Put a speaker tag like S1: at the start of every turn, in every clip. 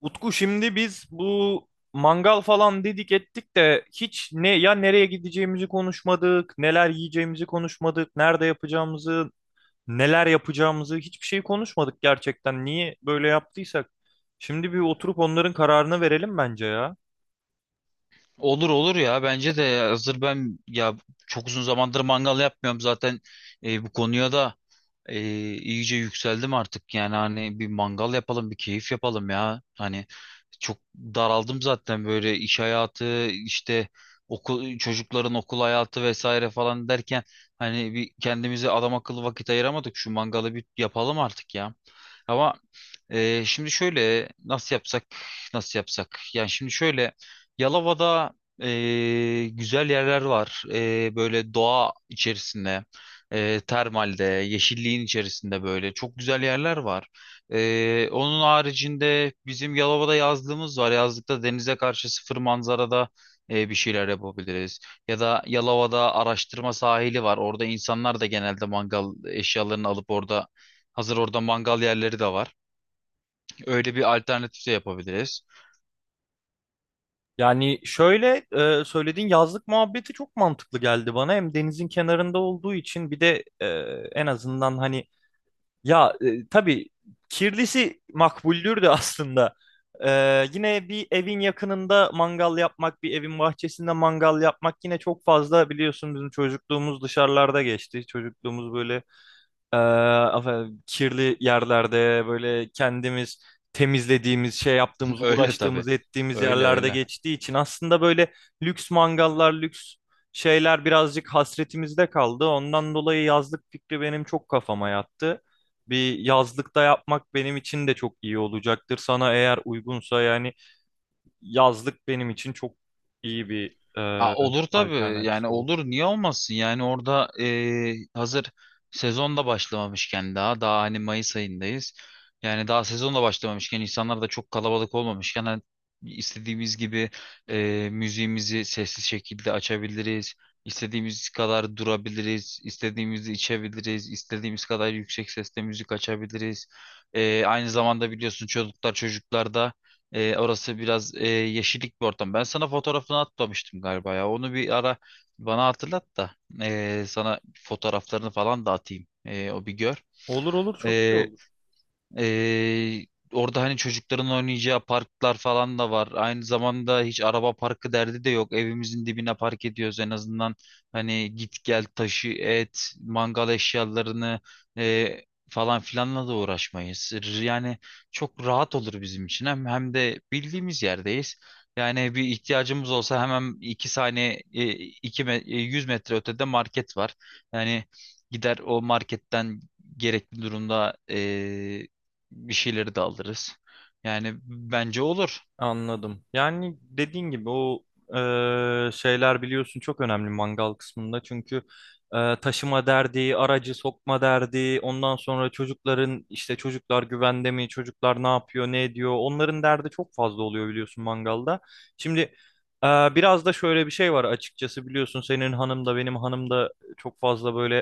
S1: Utku şimdi biz bu mangal falan dedik ettik de hiç ne ya nereye gideceğimizi konuşmadık, neler yiyeceğimizi konuşmadık, nerede yapacağımızı, neler yapacağımızı hiçbir şey konuşmadık gerçekten. Niye böyle yaptıysak? Şimdi bir oturup onların kararını verelim bence ya.
S2: Olur olur ya, bence de hazır ben ya, çok uzun zamandır mangal yapmıyorum zaten. Bu konuya da e, iyice yükseldim artık, yani hani bir mangal yapalım, bir keyif yapalım ya. Hani çok daraldım zaten, böyle iş hayatı işte, çocukların okul hayatı vesaire falan derken, hani bir kendimize adam akıllı vakit ayıramadık, şu mangalı bir yapalım artık ya. Ama şimdi şöyle nasıl yapsak, yani şimdi şöyle, Yalova'da güzel yerler var, böyle doğa içerisinde, termalde yeşilliğin içerisinde böyle çok güzel yerler var. Onun haricinde bizim Yalova'da yazlığımız var. Yazlıkta denize karşı sıfır manzarada bir şeyler yapabiliriz. Ya da Yalova'da araştırma sahili var. Orada insanlar da genelde mangal eşyalarını alıp orada, hazır orada mangal yerleri de var. Öyle bir alternatif de yapabiliriz.
S1: Yani şöyle söylediğin yazlık muhabbeti çok mantıklı geldi bana. Hem denizin kenarında olduğu için bir de en azından hani ya tabii kirlisi makbuldür de aslında. E, Yine bir evin yakınında mangal yapmak, bir evin bahçesinde mangal yapmak yine çok fazla biliyorsun bizim çocukluğumuz dışarılarda geçti. Çocukluğumuz böyle ee, efendim, kirli yerlerde böyle kendimiz temizlediğimiz, şey yaptığımız,
S2: Öyle tabii.
S1: uğraştığımız, ettiğimiz
S2: Öyle
S1: yerlerde
S2: öyle.
S1: geçtiği için aslında böyle lüks mangallar, lüks şeyler birazcık hasretimizde kaldı. Ondan dolayı yazlık fikri benim çok kafama yattı. Bir yazlıkta yapmak benim için de çok iyi olacaktır. Sana eğer uygunsa yani yazlık benim için çok iyi bir
S2: Ha, olur tabii
S1: alternatif
S2: yani,
S1: olur.
S2: olur niye olmasın yani, orada hazır sezon da başlamamışken, daha hani Mayıs ayındayız, yani daha sezon da başlamamışken, insanlar da çok kalabalık olmamışken, hani istediğimiz gibi müziğimizi sessiz şekilde açabiliriz, istediğimiz kadar durabiliriz, istediğimizi içebiliriz, istediğimiz kadar yüksek sesle müzik açabiliriz. Aynı zamanda biliyorsun çocuklarda orası biraz yeşillik bir ortam. Ben sana fotoğrafını atmamıştım galiba ya. Onu bir ara bana hatırlat da sana fotoğraflarını falan da atayım. O bir gör.
S1: Olur olur çok iyi olur.
S2: Ee, Orada hani çocukların oynayacağı parklar falan da var. Aynı zamanda hiç araba parkı derdi de yok. Evimizin dibine park ediyoruz en azından. Hani git gel taşı et, mangal eşyalarını e, falan filanla da uğraşmayız. Yani çok rahat olur bizim için. Hem de bildiğimiz yerdeyiz. Yani bir ihtiyacımız olsa hemen 2 saniye, 100 metre ötede market var. Yani gider o marketten gerekli durumda bir şeyleri de alırız. Yani bence olur.
S1: Anladım. Yani dediğin gibi o şeyler biliyorsun çok önemli mangal kısmında. Çünkü taşıma derdi, aracı sokma derdi, ondan sonra çocukların işte çocuklar güvende mi, çocuklar ne yapıyor, ne ediyor. Onların derdi çok fazla oluyor biliyorsun mangalda. Şimdi biraz da şöyle bir şey var açıkçası biliyorsun senin hanım da benim hanım da çok fazla böyle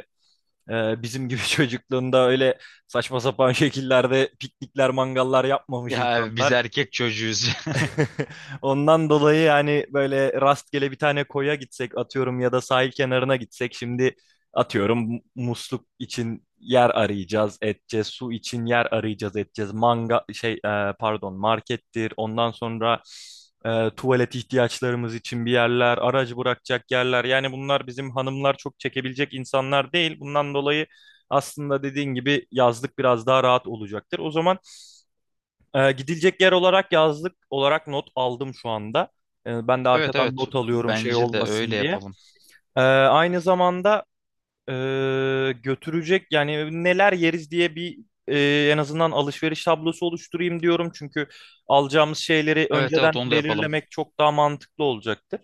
S1: bizim gibi çocukluğunda öyle saçma sapan şekillerde piknikler, mangallar yapmamış
S2: Ya biz
S1: insanlar.
S2: erkek çocuğuyuz.
S1: Ondan dolayı yani böyle rastgele bir tane koya gitsek atıyorum ya da sahil kenarına gitsek şimdi atıyorum musluk için yer arayacağız edeceğiz su için yer arayacağız edeceğiz manga şey pardon markettir ondan sonra tuvalet ihtiyaçlarımız için bir yerler aracı bırakacak yerler yani bunlar bizim hanımlar çok çekebilecek insanlar değil bundan dolayı aslında dediğin gibi yazlık biraz daha rahat olacaktır o zaman gidilecek yer olarak yazlık olarak not aldım şu anda. Ben de
S2: Evet
S1: arkadan
S2: evet,
S1: not alıyorum şey
S2: bence de öyle
S1: olmasın diye.
S2: yapalım.
S1: Aynı zamanda götürecek yani neler yeriz diye bir en azından alışveriş tablosu oluşturayım diyorum. Çünkü alacağımız şeyleri
S2: Evet evet,
S1: önceden
S2: onu da yapalım.
S1: belirlemek çok daha mantıklı olacaktır.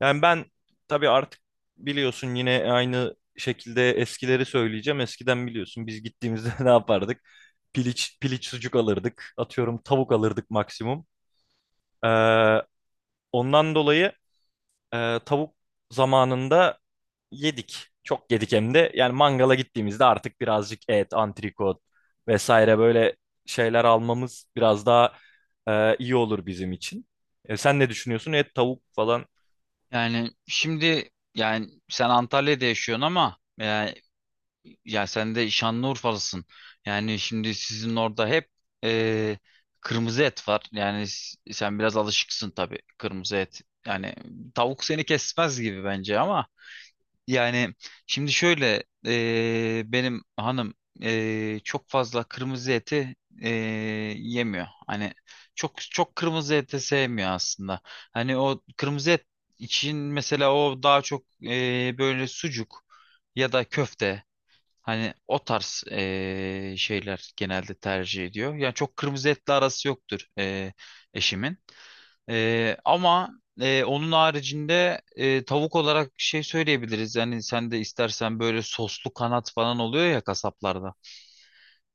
S1: Yani ben tabii artık biliyorsun yine aynı şekilde eskileri söyleyeceğim. Eskiden biliyorsun biz gittiğimizde ne yapardık? Piliç, piliç sucuk alırdık. Atıyorum tavuk alırdık maksimum. Ee, Ondan dolayı tavuk zamanında yedik. Çok yedik hem de. Yani mangala gittiğimizde artık birazcık et, antrikot vesaire böyle şeyler almamız biraz daha iyi olur bizim için. E, sen ne düşünüyorsun? Et, tavuk falan
S2: Yani şimdi, yani sen Antalya'da yaşıyorsun ama yani, ya sen de Şanlıurfalısın. Yani şimdi sizin orada hep e, kırmızı et var. Yani sen biraz alışıksın tabii kırmızı et. Yani tavuk seni kesmez gibi bence ama. Yani şimdi şöyle benim hanım çok fazla kırmızı eti eee, yemiyor. Hani çok çok kırmızı eti sevmiyor aslında. Hani o kırmızı et için mesela, o daha çok böyle sucuk ya da köfte, hani o tarz şeyler genelde tercih ediyor. Yani çok kırmızı etle arası yoktur eşimin. Ama onun haricinde tavuk olarak şey söyleyebiliriz. Yani sen de istersen böyle soslu kanat falan oluyor ya kasaplarda.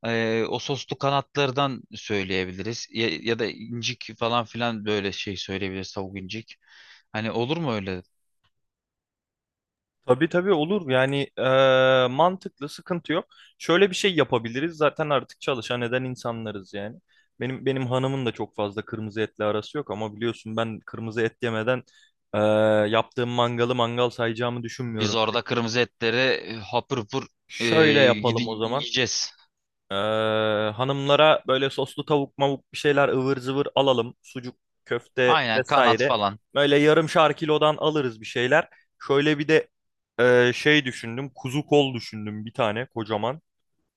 S2: O soslu kanatlardan söyleyebiliriz. Ya da incik falan filan böyle şey söyleyebiliriz, tavuk incik. Hani olur mu öyle?
S1: tabii tabii olur. Yani mantıklı, sıkıntı yok. Şöyle bir şey yapabiliriz. Zaten artık çalışan eden insanlarız yani. Benim hanımın da çok fazla kırmızı etle arası yok ama biliyorsun ben kırmızı et yemeden eee, yaptığım mangalı mangal sayacağımı
S2: Biz
S1: düşünmüyorum.
S2: orada kırmızı etleri hapır hapır e,
S1: Şöyle yapalım o zaman.
S2: yiyeceğiz.
S1: Ee, Hanımlara böyle soslu tavuk mavuk bir şeyler ıvır zıvır alalım. Sucuk, köfte
S2: Aynen kanat
S1: vesaire.
S2: falan.
S1: Böyle yarımşar kilodan alırız bir şeyler. Şöyle bir de şey düşündüm. Kuzu kol düşündüm bir tane kocaman.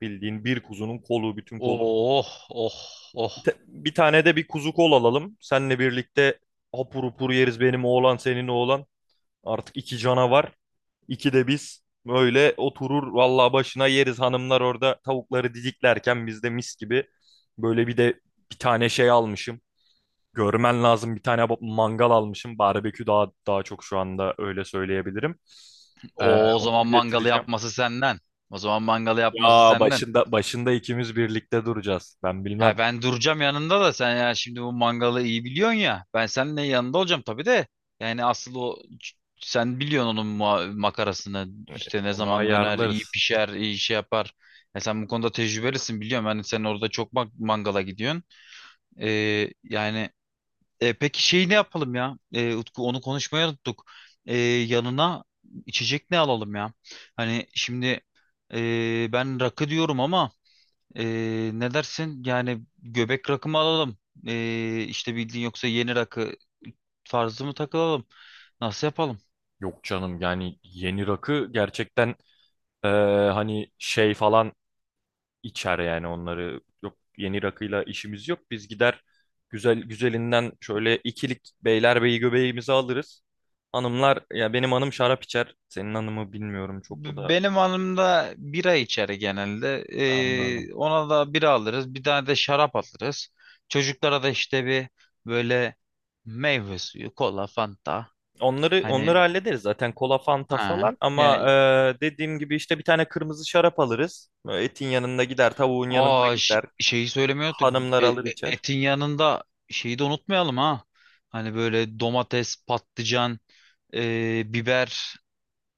S1: Bildiğin bir kuzunun kolu, bütün kolu.
S2: Oh oh oh.
S1: Bir tane de bir kuzu kol alalım. Seninle birlikte hapur hupur yeriz benim oğlan senin oğlan. Artık iki canavar. İkide biz böyle oturur vallahi başına yeriz hanımlar orada tavukları didiklerken biz de mis gibi böyle bir de bir tane şey almışım. Görmen lazım bir tane mangal almışım. Barbekü daha daha çok şu anda öyle söyleyebilirim. Ee,
S2: O zaman
S1: Onu
S2: mangalı
S1: getireceğim.
S2: yapması senden. O zaman mangalı yapması
S1: Ya
S2: senden.
S1: başında ikimiz birlikte duracağız. Ben bilmem.
S2: Ha, ben duracağım yanında da sen ya, şimdi bu mangalı iyi biliyorsun ya. Ben seninle yanında olacağım tabii de. Yani asıl sen biliyorsun onun makarasını.
S1: Ee,
S2: İşte ne
S1: Onu
S2: zaman döner, iyi
S1: ayarlarız.
S2: pişer, iyi şey yapar. Ya sen bu konuda tecrübelisin, biliyorum. Yani sen orada çok mangala gidiyorsun. Yani peki şey ne yapalım ya? Utku onu konuşmayı unuttuk. Yanına içecek ne alalım ya? Hani şimdi ben rakı diyorum ama ne dersin? Yani göbek rakı mı alalım? İşte bildiğin yoksa yeni rakı tarzı mı takılalım? Nasıl yapalım?
S1: Yok canım yani yeni rakı gerçekten e, hani şey falan içer yani onları. Yok yeni rakıyla işimiz yok. Biz gider güzel güzelinden şöyle ikilik beylerbeyi göbeğimizi alırız. Hanımlar ya benim hanım şarap içer. Senin hanımı bilmiyorum çok o da
S2: Benim hanım da bira içer genelde.
S1: anladım.
S2: Ona da bira alırız. Bir tane de şarap alırız. Çocuklara da işte bir böyle meyve suyu, kola, fanta.
S1: Onları
S2: Hani,
S1: onları hallederiz zaten kola fanta
S2: ha,
S1: falan ama
S2: yani,
S1: dediğim gibi işte bir tane kırmızı şarap alırız. Böyle etin yanında gider, tavuğun yanında
S2: Aa,
S1: gider.
S2: şeyi söylemiyorduk.
S1: Hanımlar
S2: E- e-
S1: alır içer.
S2: Etin yanında şeyi de unutmayalım ha. Hani böyle domates, patlıcan, biber,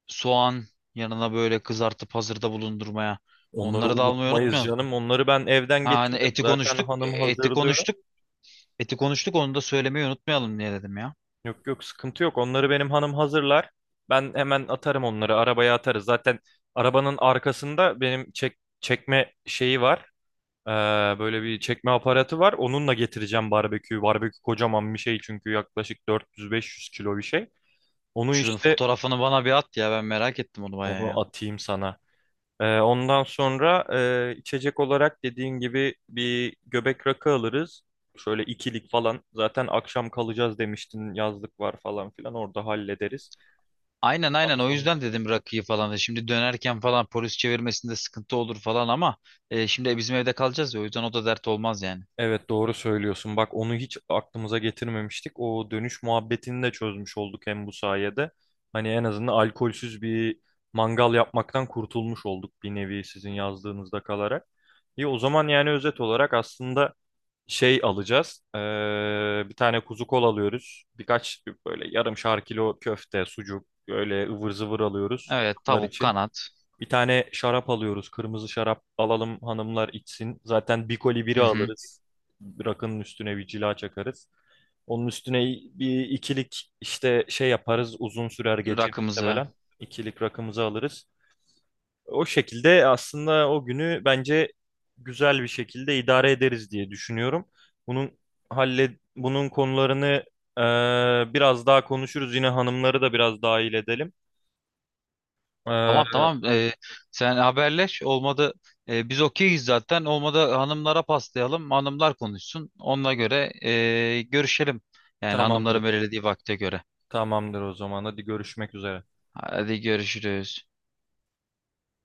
S2: soğan yanına böyle kızartıp hazırda bulundurmaya.
S1: Onları
S2: Onları da almayı
S1: unutmayız
S2: unutmayalım.
S1: canım. Onları ben evden
S2: Ha, hani
S1: getiririm.
S2: eti
S1: Zaten
S2: konuştuk,
S1: hanım hazırlıyor.
S2: onu da söylemeyi unutmayalım diye dedim ya.
S1: Yok yok sıkıntı yok. Onları benim hanım hazırlar. Ben hemen atarım onları. Arabaya atarız. Zaten arabanın arkasında benim çek çekme şeyi var. Ee, Böyle bir çekme aparatı var. Onunla getireceğim barbeküyü. Barbekü kocaman bir şey çünkü yaklaşık 400-500 kilo bir şey. Onu
S2: Şunun
S1: işte
S2: fotoğrafını bana bir at ya, ben merak ettim onu bayağı
S1: onu
S2: ya.
S1: atayım sana. Ondan sonra içecek olarak dediğin gibi bir göbek rakı alırız. Şöyle ikilik falan. Zaten akşam kalacağız demiştin. Yazlık var falan filan. Orada hallederiz.
S2: Aynen aynen o yüzden dedim rakıyı falan. Şimdi dönerken falan polis çevirmesinde sıkıntı olur falan ama şimdi bizim evde kalacağız ya, o yüzden o da dert olmaz yani.
S1: Evet doğru söylüyorsun. Bak onu hiç aklımıza getirmemiştik. O dönüş muhabbetini de çözmüş olduk hem bu sayede. Hani en azından alkolsüz bir mangal yapmaktan kurtulmuş olduk bir nevi sizin yazdığınızda kalarak. İyi o zaman yani özet olarak aslında şey alacağız. Bir tane kuzu kol alıyoruz. Birkaç böyle yarım şar kilo köfte, sucuk, böyle ıvır zıvır alıyoruz
S2: Evet
S1: bunlar
S2: tavuk
S1: için.
S2: kanat.
S1: Bir tane şarap alıyoruz. Kırmızı şarap alalım hanımlar içsin. Zaten bir koli biri
S2: Hı hı.
S1: alırız. Rakının üstüne bir cila çakarız. Onun üstüne bir ikilik işte şey yaparız. Uzun sürer gece
S2: Rakımızı.
S1: muhtemelen. İkilik rakımızı alırız. O şekilde aslında o günü bence güzel bir şekilde idare ederiz diye düşünüyorum. Bunun halle bunun konularını biraz daha konuşuruz. Yine hanımları da biraz dahil edelim.
S2: Tamam
S1: Eee,
S2: tamam, sen haberleş, olmadı biz okeyiz zaten, olmadı hanımlara paslayalım, hanımlar konuşsun onunla göre görüşelim. Yani hanımların
S1: tamamdır.
S2: belirlediği vakte göre.
S1: Tamamdır o zaman. Hadi görüşmek üzere.
S2: Hadi görüşürüz.